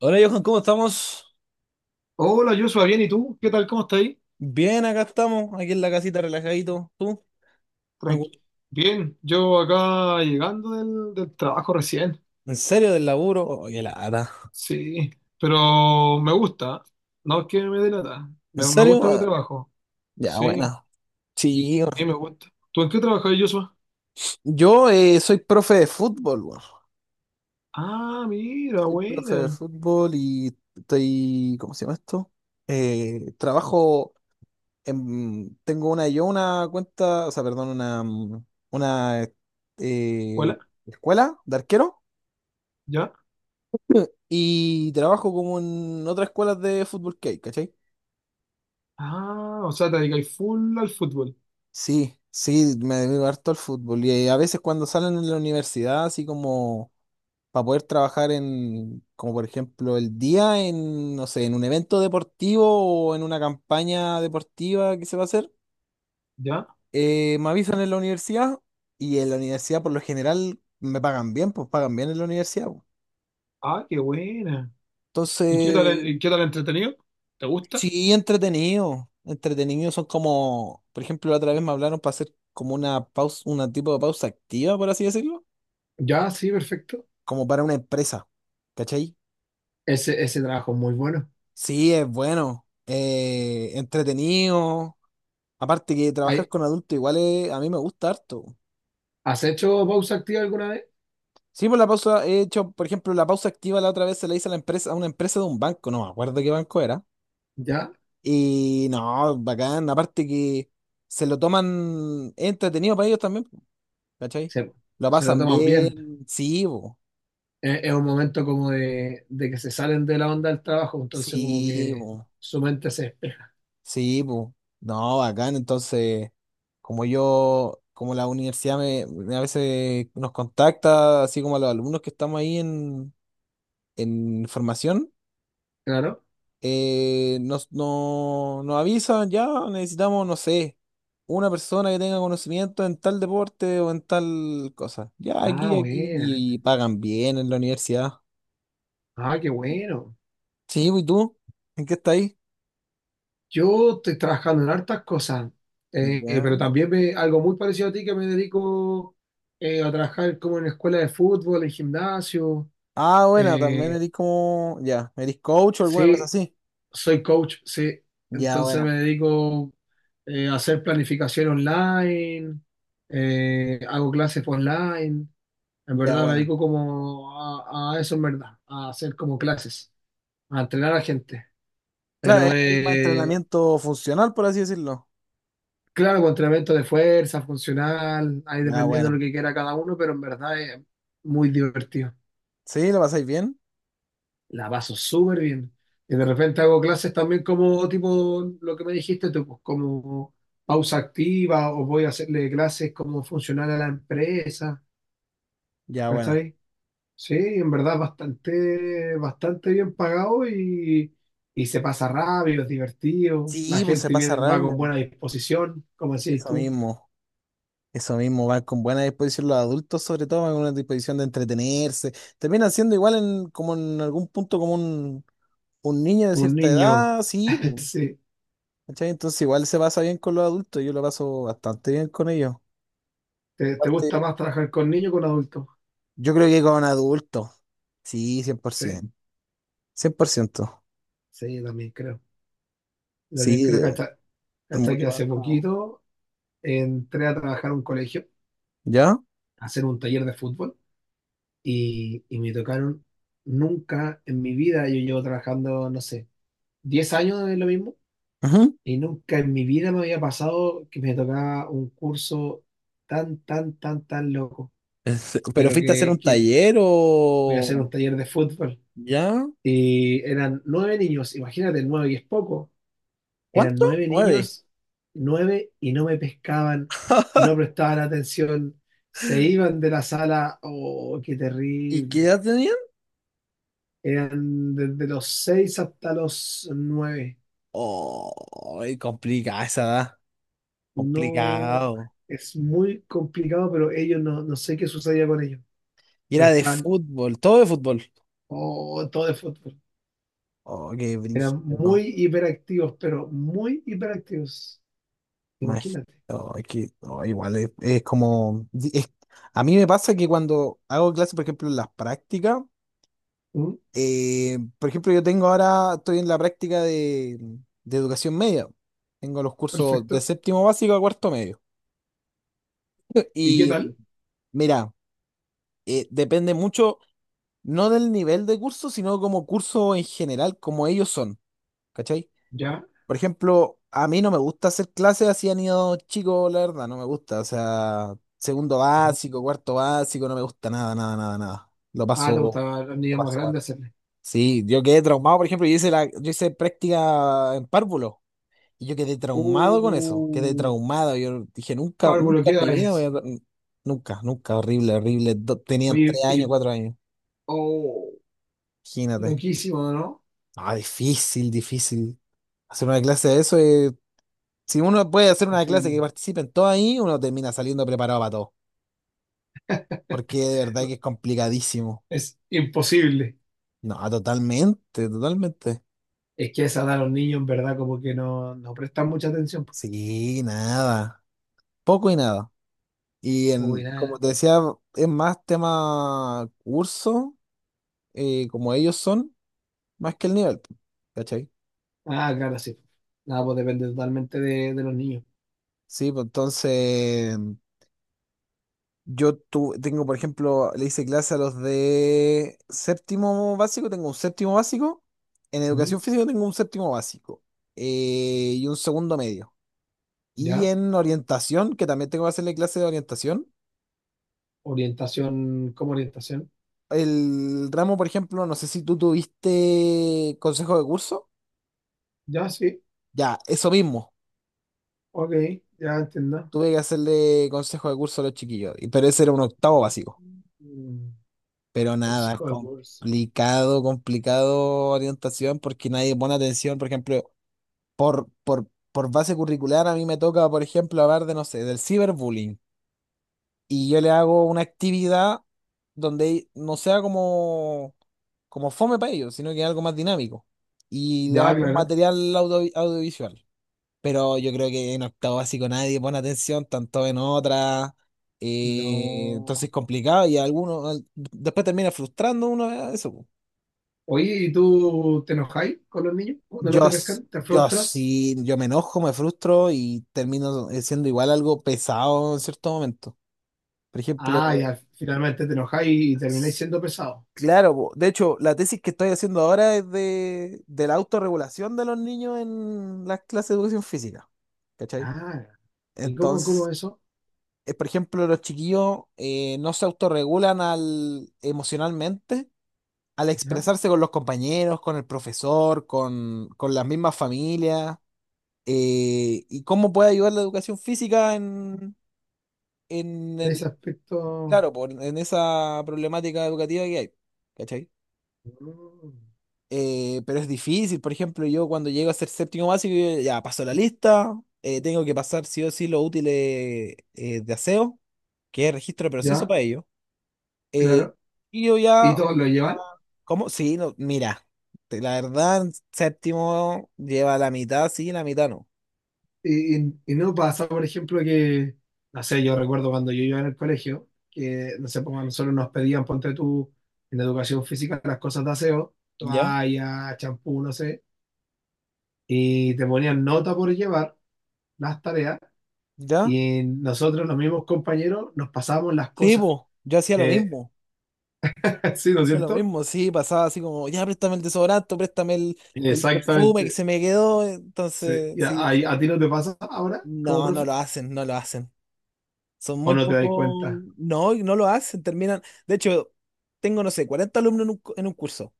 Hola Johan, ¿cómo estamos? Hola, Joshua, bien, ¿y tú? ¿Qué tal? ¿Cómo estás ahí? Bien, acá estamos, aquí en la casita relajadito. ¿Tú? Me acu- Tranqui. Bien, yo acá llegando del trabajo recién. ¿En serio del laburo? Oye, la lata. Sí, pero me gusta. No es que me delata. ¿En Me serio? gusta mi Ah, trabajo. ya, Sí, buena. Sí, weón. sí, me gusta. ¿Tú en qué trabajas, Joshua? Yo soy profe de fútbol, weón. Ah, mira, Soy profe de buena. fútbol y estoy, ¿cómo se llama esto? Trabajo en, tengo una, yo una cuenta, o sea, perdón, una Hola, eh, escuela de arquero ¿ya? y trabajo como en otras escuelas de fútbol que hay, ¿cachai? Ah, o sea, te dedicas full al fútbol. Sí, sí, me dedico harto al fútbol y a veces cuando salen en la universidad, así como para poder trabajar en, como por ejemplo el día en, no sé, en un evento deportivo o en una campaña deportiva que se va a hacer, ¿Ya? Me avisan en la universidad y en la universidad por lo general me pagan bien, pues pagan bien en la universidad, po. Ah, qué buena. Entonces, Y qué tal entretenido? ¿Te gusta? sí, entretenido, entretenido son como, por ejemplo, la otra vez me hablaron para hacer como una pausa, una tipo de pausa activa, por así decirlo Ya, sí, perfecto. como para una empresa, ¿cachai? Ese trabajo es muy bueno. Sí, es bueno, entretenido. Aparte que trabajar con adultos igual a mí me gusta harto. ¿Has hecho pausa activa alguna vez? Sí, por la pausa he hecho, por ejemplo, la pausa activa la otra vez se la hice a la empresa, a una empresa de un banco, no me acuerdo qué banco era. ¿Ya? Y no, bacán, aparte que se lo toman es entretenido para ellos también, po, ¿cachai? Se, Lo se lo pasan toman bien. bien, sí, po, Es un momento como de que se salen de la onda del trabajo, entonces como sí. que su mente se despeja. Sí, pues. No, bacán. Entonces, como yo, como la universidad me a veces nos contacta, así como a los alumnos que estamos ahí en formación, Claro. Nos avisan, ya necesitamos, no sé, una persona que tenga conocimiento en tal deporte o en tal cosa. Ya Ah, aquí, aquí, buena. Y pagan bien en la universidad. Ah, qué bueno. Sí, pues, ¿y tú? ¿En qué estás ahí? Yo estoy trabajando en hartas cosas, pero Ya. también me, algo muy parecido a ti que me dedico a trabajar como en escuela de fútbol, en gimnasio. Ah, bueno, también eh, eres como, ya, eres coach o alguna cosa sí, así. Soy coach, sí. Ya Entonces buena, me dedico a hacer planificación online, hago clases online. En ya verdad me buena. dedico como a eso, en verdad, a hacer como clases, a entrenar a gente. Claro, Pero es ahí más entrenamiento funcional, por así decirlo. claro, con entrenamiento de fuerza, funcional, ahí Ya dependiendo de buena. lo que quiera cada uno, pero en verdad es muy divertido. ¿Sí? ¿Lo pasáis bien? La paso súper bien. Y de repente hago clases también como tipo lo que me dijiste tú, pues, como pausa activa o voy a hacerle clases como funcional a la empresa. Ya buena. ¿Cachai? Sí, en verdad bastante, bastante bien pagado y se pasa rápido, es divertido. La Sí, pues se gente pasa viene, va con rápido. buena disposición, como decís Eso tú. mismo, eso mismo, van con buena disposición los adultos, sobre todo, van con una disposición de entretenerse. Terminan siendo igual en, como en algún punto como un niño de Un cierta niño, edad, sí, pues, sí. ¿cachai? Entonces igual se pasa bien con los adultos, yo lo paso bastante bien con ellos. ¿Te, te gusta Aparte, más trabajar con niños que con adultos? yo creo que con adultos, sí, cien por Sí, ciento, 100%. sí, yo también creo. Yo también Sí, creo que hasta, hasta que mucho más hace como... poquito entré a trabajar a un colegio, ¿Ya? a hacer un taller de fútbol y me tocaron nunca en mi vida, yo llevo trabajando, no sé, 10 años de lo mismo Ajá. y nunca en mi vida me había pasado que me tocaba un curso tan, tan, tan, tan loco, ¿Pero pero fuiste a hacer un que taller voy a hacer un o...? taller de fútbol ¿Ya? y eran nueve niños, imagínate, nueve y es poco, Eran ¿Cuánto? nueve 9. niños, nueve, y no me pescaban, no prestaban atención, se iban de la sala. ¡Oh, qué ¿Y qué terrible! edad tenían? Eran desde los seis hasta los nueve. Oh, complicada esa edad. No, Complicado. es muy complicado, pero ellos no, no sé qué sucedía con ellos. Y Pero era de están, fútbol, todo de fútbol. oh, todo de fútbol. Oh, qué Eran brígido. muy hiperactivos, pero muy hiperactivos. Imag- Imagínate. Igual es como a mí me pasa que cuando hago clases, por ejemplo, en las prácticas. Mm, Por ejemplo, yo tengo ahora, estoy en la práctica de educación media. Tengo los cursos de Perfecto. séptimo básico a cuarto medio. ¿Y qué Y tal? mira, depende mucho, no del nivel de curso, sino como curso en general, como ellos son, ¿cachai? ¿Ya? Por ejemplo, a mí no me gusta hacer clases así a niños chicos, la verdad, no me gusta. O sea, segundo básico, cuarto básico, no me gusta nada, nada, nada, nada. Lo Ah, te paso, gustaba a los lo niños más paso mal. grandes hacerle. Sí, yo quedé traumado, por ejemplo, yo hice práctica en párvulo y yo quedé traumado con eso, quedé Uh, traumado. Yo dije, nunca, Álvaro, nunca ¿qué en edad mi vida voy es? a, nunca, nunca, horrible, horrible. Tenían Oye, 3 años, y- 4 años, oh, imagínate. loquísimo, ¿no? Ah, difícil, difícil. Hacer una clase de eso, si uno puede hacer una clase Imposible. que participen todos ahí, uno termina saliendo preparado para todo, porque de verdad que es complicadísimo. Es imposible. No, totalmente, totalmente. Es que a esa edad los niños en verdad como que no, no prestan mucha atención, pues. Sí, nada, poco y nada. Y en, Uy, como nada. te decía, es más tema curso, como ellos son, más que el nivel, po, ¿cachai? Ah, claro, sí. Nada, pues depende totalmente de los niños. Sí, pues entonces tengo, por ejemplo, le hice clase a los de séptimo básico, tengo un séptimo básico, en Ujú, educación física tengo un séptimo básico y un segundo medio. Y ¿ya? en orientación, que también tengo que hacerle clase de orientación, Orientación, ¿cómo orientación? el ramo, por ejemplo, no sé si tú tuviste consejo de curso, Ya, sí. ya, eso mismo. Ok, ya entiendo. Tuve que hacerle consejo de curso a los chiquillos, pero ese era un octavo básico. Mm, Pero nada, es Consejo de curso. complicado, complicado orientación porque nadie pone atención, por ejemplo, por base curricular a mí me toca, por ejemplo, hablar de, no sé, del ciberbullying. Y yo le hago una actividad donde no sea como, como fome para ellos, sino que algo más dinámico. Y le hago Ya, un claro. material audiovisual. Pero yo creo que en octavo básico nadie pone atención, tanto en otra, y entonces No. es complicado y alguno después termina frustrando uno a eso, po. Oye, ¿y tú te enojáis con los niños cuando no Yo, te s- pescan? ¿Te yo frustras? sí, yo me enojo, me frustro y termino siendo igual algo pesado en cierto momento. Por ejemplo, Ah, ya, finalmente te enojáis y termináis siendo pesado. claro, po, de hecho, la tesis que estoy haciendo ahora es de la autorregulación de los niños en las clases de educación física. ¿Cachai? Ah, ¿y cómo, cómo Entonces, eso? Por ejemplo, los chiquillos no se autorregulan al, emocionalmente al ¿Ya? expresarse con los compañeros, con el profesor, con las mismas familias, y cómo puede ayudar la educación física en En el, ese aspecto. claro, en esa problemática educativa que hay, ¿cachai? Mm, Pero es difícil, por ejemplo, yo cuando llego a ser séptimo básico, yo ya paso la lista, tengo que pasar sí o sí los útiles de aseo, que es registro de proceso ¿Ya? para ellos. Eh, Claro. y yo ¿Y ya, todos lo llevan? ¿cómo? Sí, no, mira, la verdad, en séptimo lleva la mitad, sí, la mitad no. Y no pasa, por ejemplo, que, no sé, yo recuerdo cuando yo iba en el colegio, que, no sé, pues a nosotros nos pedían, ponte tú, en educación física, las cosas de aseo, ¿Ya? toalla, champú, no sé, y te ponían nota por llevar las tareas. ¿Ya? Y nosotros, los mismos compañeros, nos pasábamos las Sí, cosas. pues, yo hacía lo Eh, mismo. sí, Yo ¿no es hacía lo cierto? mismo, sí, pasaba así como, ya, préstame el desodorante, préstame el perfume que Exactamente. se me quedó. Sí. Entonces, ¿Y sí, hacía lo a mismo. ti no te pasa ahora como No, no profe? lo hacen, no lo hacen. Son ¿O muy no te das pocos, cuenta? no, y no lo hacen, terminan. De hecho, tengo, no sé, 40 alumnos en un curso.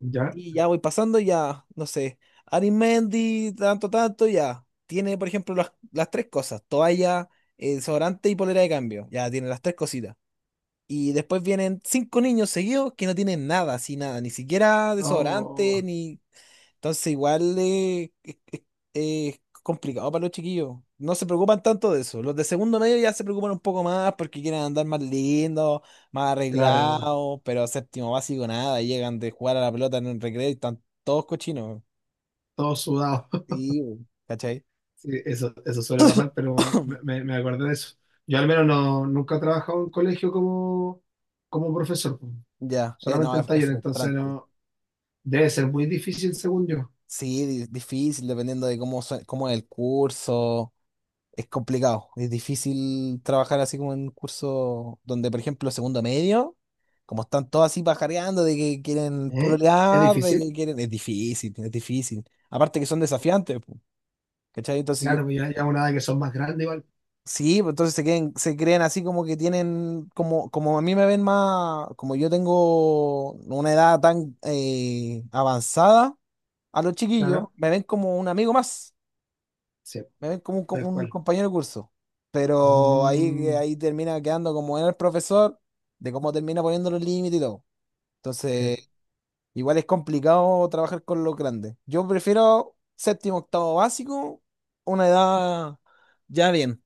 ¿Ya? Y ya voy pasando, ya, no sé, Mendy, tanto, tanto, ya. Tiene, por ejemplo, las tres cosas, toalla, desodorante y polera de cambio. Ya tiene las tres cositas. Y después vienen 5 niños seguidos que no tienen nada, así nada, ni siquiera desodorante, Oh, ni entonces igual es complicado para los chiquillos. No se preocupan tanto de eso. Los de segundo medio ya se preocupan un poco más porque quieren andar más lindos, más claro, arreglados, pero séptimo básico nada, llegan de jugar a la pelota en un recreo y están todos cochinos. todo sudado. Sí, bu. ¿Cachai? Sí, eso suele pasar, pero bueno, me, me, me acordé de eso. Yo al menos no, nunca he trabajado en colegio como, como profesor, po. Ya, Solamente no, en es taller, entonces frustrante. no, debe ser muy difícil según yo. Sí, difícil dependiendo de cómo, cómo es el curso. Es complicado, es difícil trabajar así como en un curso donde, por ejemplo, segundo medio, como están todos así pajareando de que quieren ¿Eh? ¿Es pololear, de difícil? que quieren... Es difícil, es difícil. Aparte que son desafiantes, po, ¿cachai? Entonces yo... Claro, pues ya, ya una edad que son más grandes igual. Sí, pues entonces se creen así como que tienen, como a mí me ven más, como yo tengo una edad tan avanzada, a los chiquillos Claro. me ven como un amigo más. Sí, Me ven como tal un cual. compañero de curso. Pero ahí, Mm, ahí termina quedando como en el profesor, de cómo termina poniendo los límites y todo. sí. Entonces, igual es complicado trabajar con los grandes. Yo prefiero séptimo, octavo básico, una edad ya bien,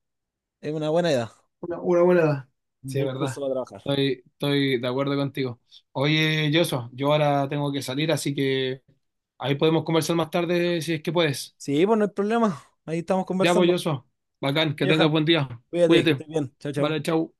es una buena edad. Una buena edad. Un Sí, es buen curso verdad. para trabajar. Estoy, estoy de acuerdo contigo. Oye, Yoso, yo ahora tengo que salir, así que ahí podemos conversar más tarde si es que puedes. Sí, pues no hay problema. Ahí estamos Ya, pues, conversando. Yoso. Bacán, que tengas Johan, buen día. cuídate, que Cuídate. estés bien. Chao, chao. Vale, chau.